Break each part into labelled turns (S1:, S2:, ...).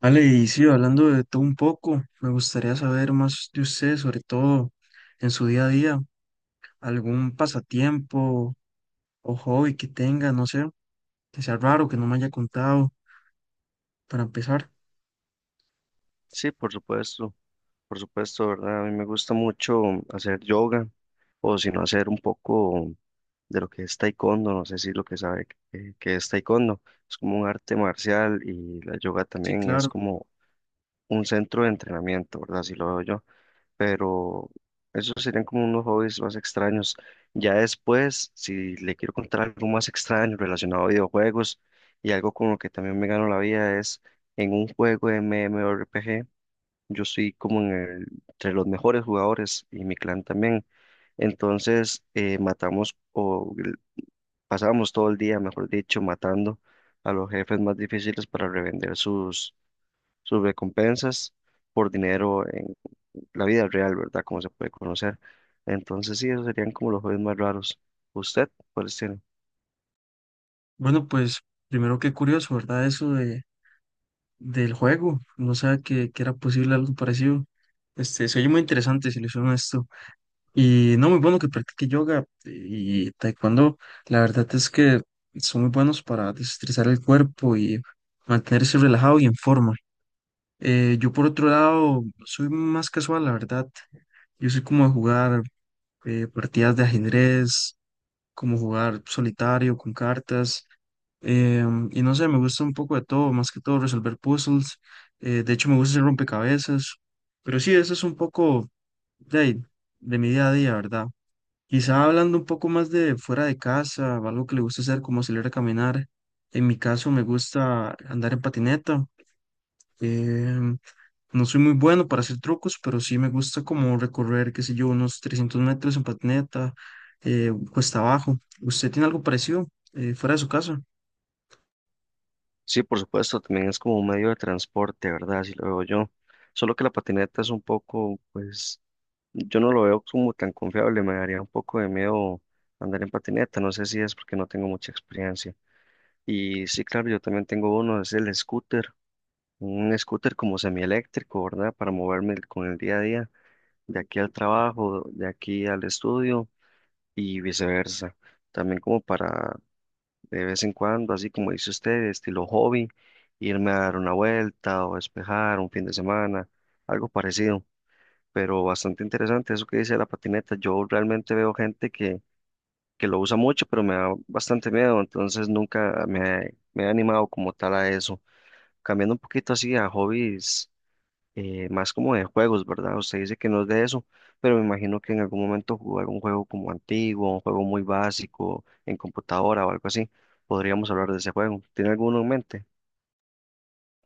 S1: Vale, y sí, hablando de todo un poco, me gustaría saber más de usted, sobre todo en su día a día, algún pasatiempo o hobby que tenga, no sé, que sea raro, que no me haya contado, para empezar.
S2: Sí, por supuesto, ¿verdad? A mí me gusta mucho hacer yoga o si no hacer un poco de lo que es taekwondo, no sé si lo que sabe que es taekwondo, es como un arte marcial y la yoga
S1: Sí,
S2: también es
S1: claro.
S2: como un centro de entrenamiento, ¿verdad? Así lo veo yo, pero esos serían como unos hobbies más extraños. Ya después, si le quiero contar algo más extraño relacionado a videojuegos y algo con lo que también me gano la vida es en un juego de MMORPG. Yo soy como entre los mejores jugadores y mi clan también. Entonces matamos pasábamos todo el día, mejor dicho, matando a los jefes más difíciles para revender sus, recompensas por dinero en la vida real, ¿verdad? Como se puede conocer. Entonces sí, esos serían como los juegos más raros. ¿Usted cuál tiene?
S1: Bueno, pues primero qué curioso, ¿verdad? Eso de, del juego, no sé que era posible algo parecido. Este, se oye muy interesante si le hicieron esto. Y no, muy bueno que practique yoga y taekwondo. La verdad es que son muy buenos para desestresar el cuerpo y mantenerse relajado y en forma. Yo por otro lado no soy más casual, la verdad. Yo soy como de jugar partidas de ajedrez, como jugar solitario con cartas. Y no sé, me gusta un poco de todo, más que todo resolver puzzles. De hecho, me gusta hacer rompecabezas. Pero sí, eso es un poco de, ahí, de mi día a día, ¿verdad? Quizá hablando un poco más de fuera de casa, o algo que le gusta hacer, como salir a caminar. En mi caso me gusta andar en patineta. Em, no soy muy bueno para hacer trucos, pero sí me gusta como recorrer, qué sé yo, unos 300 metros en patineta, cuesta abajo. ¿Usted tiene algo parecido fuera de su casa?
S2: Sí, por supuesto, también es como un medio de transporte, ¿verdad? Así lo veo yo. Solo que la patineta es un poco, pues yo no lo veo como tan confiable, me daría un poco de miedo andar en patineta, no sé si es porque no tengo mucha experiencia. Y sí, claro, yo también tengo uno, es el scooter, un scooter como semieléctrico, ¿verdad? Para moverme con el día a día, de aquí al trabajo, de aquí al estudio y viceversa. También como para de vez en cuando, así como dice usted, estilo hobby, irme a dar una vuelta o despejar un fin de semana, algo parecido, pero bastante interesante eso que dice de la patineta. Yo realmente veo gente que lo usa mucho, pero me da bastante miedo, entonces nunca me he animado como tal a eso. Cambiando un poquito así a hobbies, más como de juegos, ¿verdad? Usted dice que no es de eso, pero me imagino que en algún momento jugó algún juego como antiguo, un juego muy básico en computadora o algo así. Podríamos hablar de ese juego. ¿Tiene alguno en mente?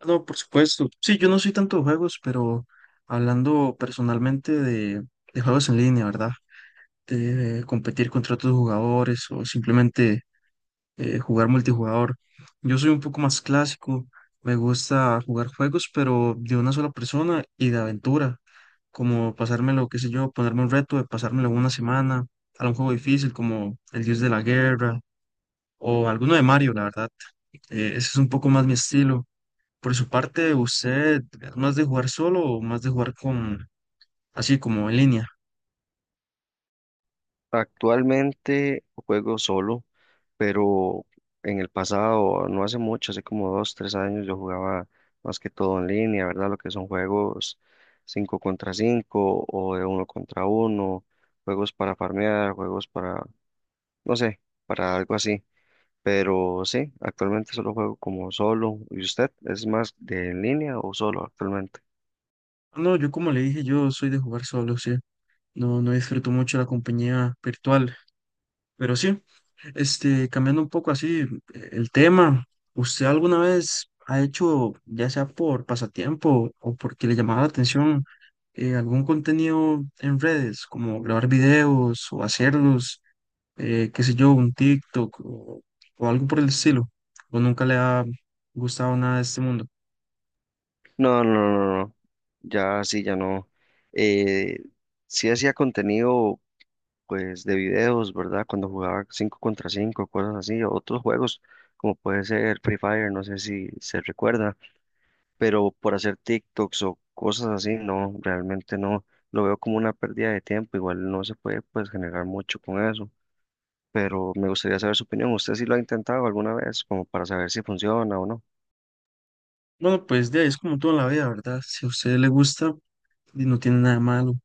S1: No, por supuesto. Sí, yo no soy tanto de juegos, pero hablando personalmente de, juegos en línea, ¿verdad? De competir contra otros jugadores o simplemente jugar multijugador. Yo soy un poco más clásico, me gusta jugar juegos, pero de una sola persona y de aventura, como pasármelo, qué sé yo, ponerme un reto de pasármelo una semana, a un juego difícil como El Dios de la Guerra o alguno de Mario, la verdad. Ese es un poco más mi estilo. Por su parte, ¿usted es más de jugar solo o más de jugar con, así como en línea?
S2: Actualmente juego solo, pero en el pasado, no hace mucho, hace como dos, tres años, yo jugaba más que todo en línea, ¿verdad? Lo que son juegos 5 contra 5 o de uno contra uno, juegos para farmear, juegos para, no sé, para algo así. Pero sí, actualmente solo juego como solo. ¿Y usted es más de en línea o solo actualmente?
S1: No, yo como le dije, yo soy de jugar solo, sí. No, no disfruto mucho la compañía virtual, pero sí. Este, cambiando un poco así el tema, ¿usted alguna vez ha hecho, ya sea por pasatiempo o porque le llamaba la atención, algún contenido en redes, como grabar videos o hacerlos, qué sé yo, un TikTok o algo por el estilo? ¿O nunca le ha gustado nada de este mundo?
S2: No, no, no, no, no. Ya sí, ya no. Eh, sí hacía contenido pues de videos, ¿verdad? Cuando jugaba 5 contra 5, cosas así, o otros juegos como puede ser Free Fire, no sé si se recuerda, pero por hacer TikToks o cosas así, no, realmente no, lo veo como una pérdida de tiempo, igual no se puede pues generar mucho con eso, pero me gustaría saber su opinión. ¿Usted sí lo ha intentado alguna vez como para saber si funciona o no?
S1: Bueno, pues de ahí es como toda la vida, ¿verdad? Si a usted le gusta, y no tiene nada de malo.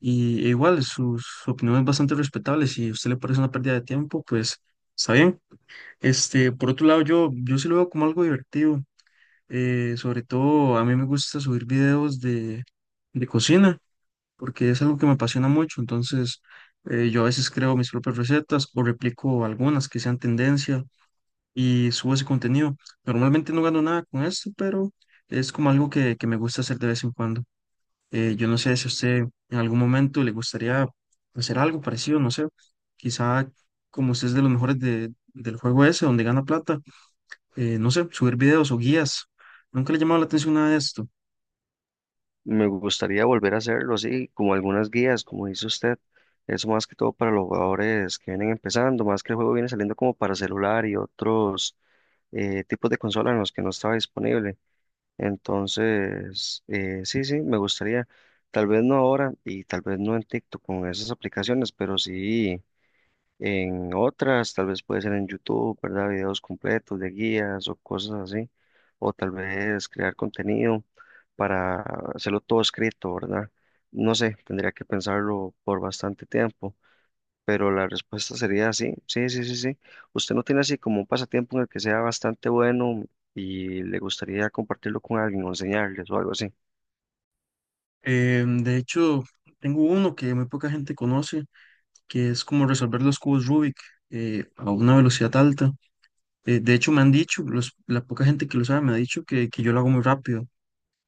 S1: E igual, sus opiniones bastante respetables. Si a usted le parece una pérdida de tiempo, pues está bien. Este, por otro lado, yo sí lo veo como algo divertido. Sobre todo, a mí me gusta subir videos de cocina, porque es algo que me apasiona mucho. Entonces, yo a veces creo mis propias recetas o replico algunas que sean tendencia y subo ese contenido. Normalmente no gano nada con esto, pero es como algo que me gusta hacer de vez en cuando. Yo no sé si a usted en algún momento le gustaría hacer algo parecido, no sé, quizá como usted es de los mejores del juego ese, donde gana plata, no sé, subir videos o guías. Nunca le ha llamado la atención nada de esto.
S2: Me gustaría volver a hacerlo así, como algunas guías, como dice usted. Eso más que todo para los jugadores que vienen empezando, más que el juego viene saliendo como para celular y otros tipos de consola en los que no estaba disponible. Entonces, sí, sí, me gustaría, tal vez no ahora y tal vez no en TikTok con esas aplicaciones, pero sí en otras, tal vez puede ser en YouTube, ¿verdad? Videos completos de guías o cosas así, o tal vez crear contenido para hacerlo todo escrito, ¿verdad? No sé, tendría que pensarlo por bastante tiempo. Pero la respuesta sería sí, sí, sí, sí, sí. ¿Usted no tiene así como un pasatiempo en el que sea bastante bueno y le gustaría compartirlo con alguien o enseñarles o algo así?
S1: De hecho, tengo uno que muy poca gente conoce, que es como resolver los cubos Rubik a una velocidad alta. De hecho, me han dicho, la poca gente que lo sabe me ha dicho que yo lo hago muy rápido.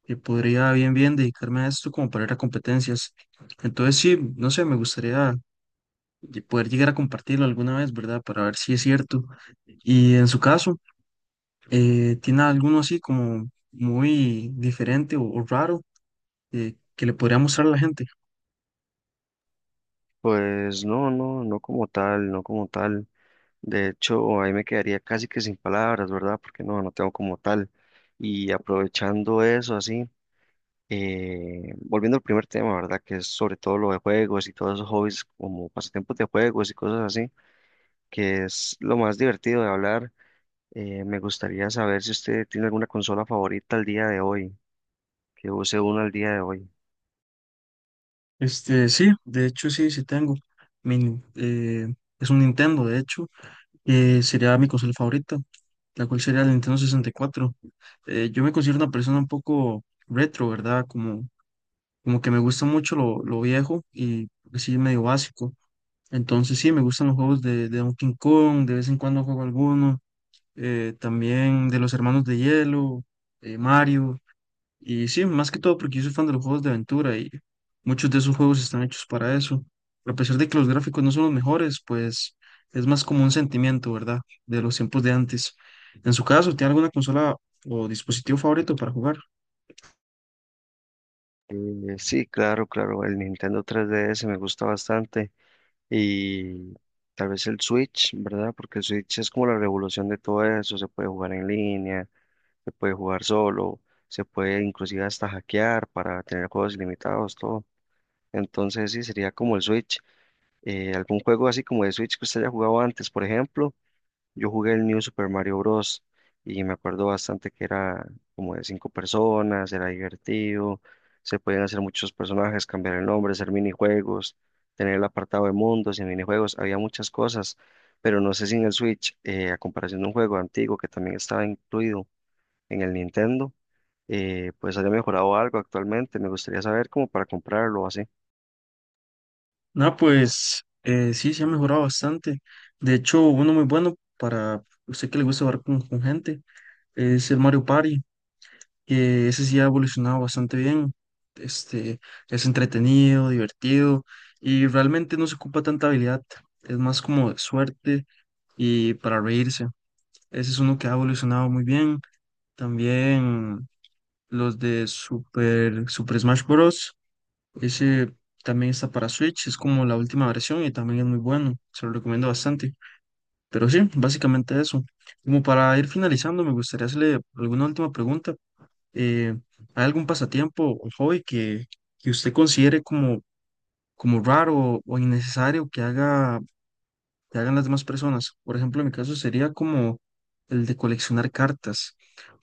S1: Que podría bien bien dedicarme a esto como para ir a competencias. Entonces sí, no sé, me gustaría poder llegar a compartirlo alguna vez, ¿verdad? Para ver si es cierto. Y en su caso, ¿tiene alguno así como muy diferente o raro que le podría mostrar a la gente?
S2: Pues no, no, no como tal, no como tal. De hecho, ahí me quedaría casi que sin palabras, ¿verdad? Porque no, no tengo como tal. Y aprovechando eso, así, volviendo al primer tema, ¿verdad? Que es sobre todo lo de juegos y todos esos hobbies como pasatiempos de juegos y cosas así, que es lo más divertido de hablar. Me gustaría saber si usted tiene alguna consola favorita al día de hoy, que use una al día de hoy.
S1: Este, sí, de hecho sí, sí tengo. Mi es un Nintendo, de hecho, sería mi consola favorita, la cual sería el Nintendo 64. Yo me considero una persona un poco retro, ¿verdad? Como que me gusta mucho lo viejo y porque sí, medio básico. Entonces sí, me gustan los juegos de, Donkey Kong, de vez en cuando juego alguno. También de los Hermanos de Hielo, Mario. Y sí, más que todo porque yo soy fan de los juegos de aventura y muchos de esos juegos están hechos para eso. A pesar de que los gráficos no son los mejores, pues es más como un sentimiento, ¿verdad? De los tiempos de antes. En su caso, ¿tiene alguna consola o dispositivo favorito para jugar?
S2: Sí, claro, claro, el Nintendo 3DS me gusta bastante y tal vez el Switch, ¿verdad? Porque el Switch es como la revolución de todo eso, se puede jugar en línea, se puede jugar solo, se puede inclusive hasta hackear para tener juegos ilimitados, todo. Entonces sí, sería como el Switch. Algún juego así como de Switch que usted haya jugado antes, por ejemplo. Yo jugué el New Super Mario Bros. Y me acuerdo bastante que era como de cinco personas, era divertido, se podían hacer muchos personajes, cambiar el nombre, hacer minijuegos, tener el apartado de mundos y minijuegos, había muchas cosas, pero no sé si en el Switch, a comparación de un juego antiguo que también estaba incluido en el Nintendo, pues haya mejorado algo actualmente, me gustaría saber como para comprarlo o así.
S1: No, pues sí, se ha mejorado bastante. De hecho, uno muy bueno para usted que le gusta jugar con, gente es el Mario Party, que ese sí ha evolucionado bastante bien. Este, es entretenido, divertido y realmente no se ocupa tanta habilidad. Es más como de suerte y para reírse. Ese es uno que ha evolucionado muy bien. También los de Super Smash Bros. Ese también está para Switch, es como la última versión y también es muy bueno, se lo recomiendo bastante. Pero sí, básicamente eso. Como para ir finalizando, me gustaría hacerle alguna última pregunta. Eh, ¿Hay algún pasatiempo o hobby que usted considere como raro o innecesario que haga, que hagan las demás personas? Por ejemplo, en mi caso sería como el de coleccionar cartas.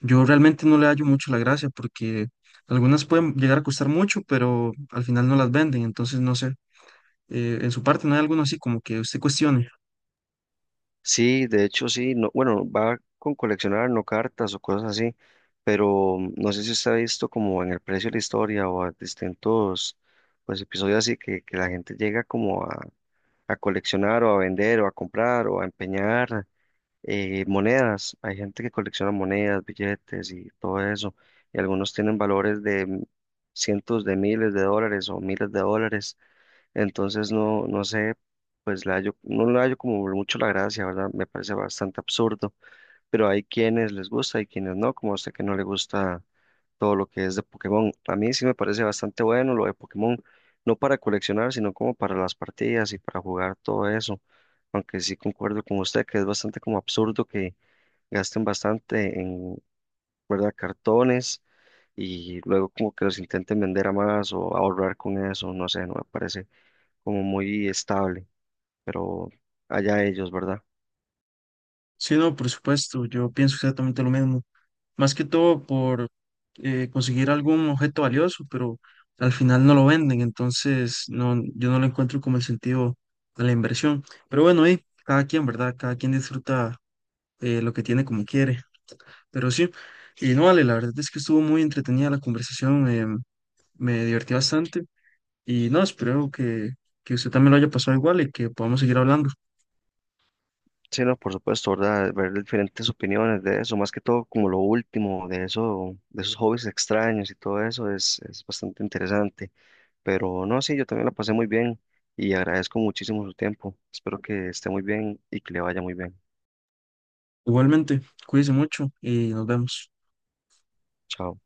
S1: Yo realmente no le hallo mucho la gracia porque algunas pueden llegar a costar mucho, pero al final no las venden, entonces no sé en su parte, no hay alguno así como que usted cuestione.
S2: Sí, de hecho sí, no, bueno, va con coleccionar, no cartas o cosas así, pero no sé si usted ha visto como en el precio de la historia o a distintos pues episodios así que la gente llega como a coleccionar o a vender o a comprar o a empeñar monedas. Hay gente que colecciona monedas, billetes y todo eso, y algunos tienen valores de cientos de miles de dólares o miles de dólares. Entonces no, no sé, pues no le hallo como mucho la gracia, ¿verdad? Me parece bastante absurdo, pero hay quienes les gusta y quienes no, como a usted que no le gusta todo lo que es de Pokémon. A mí sí me parece bastante bueno lo de Pokémon, no para coleccionar, sino como para las partidas y para jugar todo eso. Aunque sí concuerdo con usted que es bastante como absurdo que gasten bastante en, ¿verdad? Cartones y luego como que los intenten vender a más o ahorrar con eso, no sé, no me parece como muy estable, pero allá ellos, ¿verdad?
S1: Sí, no, por supuesto, yo pienso exactamente lo mismo. Más que todo por conseguir algún objeto valioso, pero al final no lo venden, entonces no, yo no lo encuentro como el sentido de la inversión. Pero bueno, y cada quien, ¿verdad? Cada quien disfruta lo que tiene como quiere. Pero sí, y no vale, la verdad es que estuvo muy entretenida la conversación, me divertí bastante y no, espero que, usted también lo haya pasado igual y que podamos seguir hablando.
S2: Sí, no, por supuesto, ¿verdad? Ver diferentes opiniones de eso, más que todo como lo último, de eso, de esos hobbies extraños y todo eso es bastante interesante. Pero no, sí, yo también la pasé muy bien y agradezco muchísimo su tiempo. Espero que esté muy bien y que le vaya muy bien.
S1: Igualmente, cuídense mucho y nos vemos.
S2: Chao.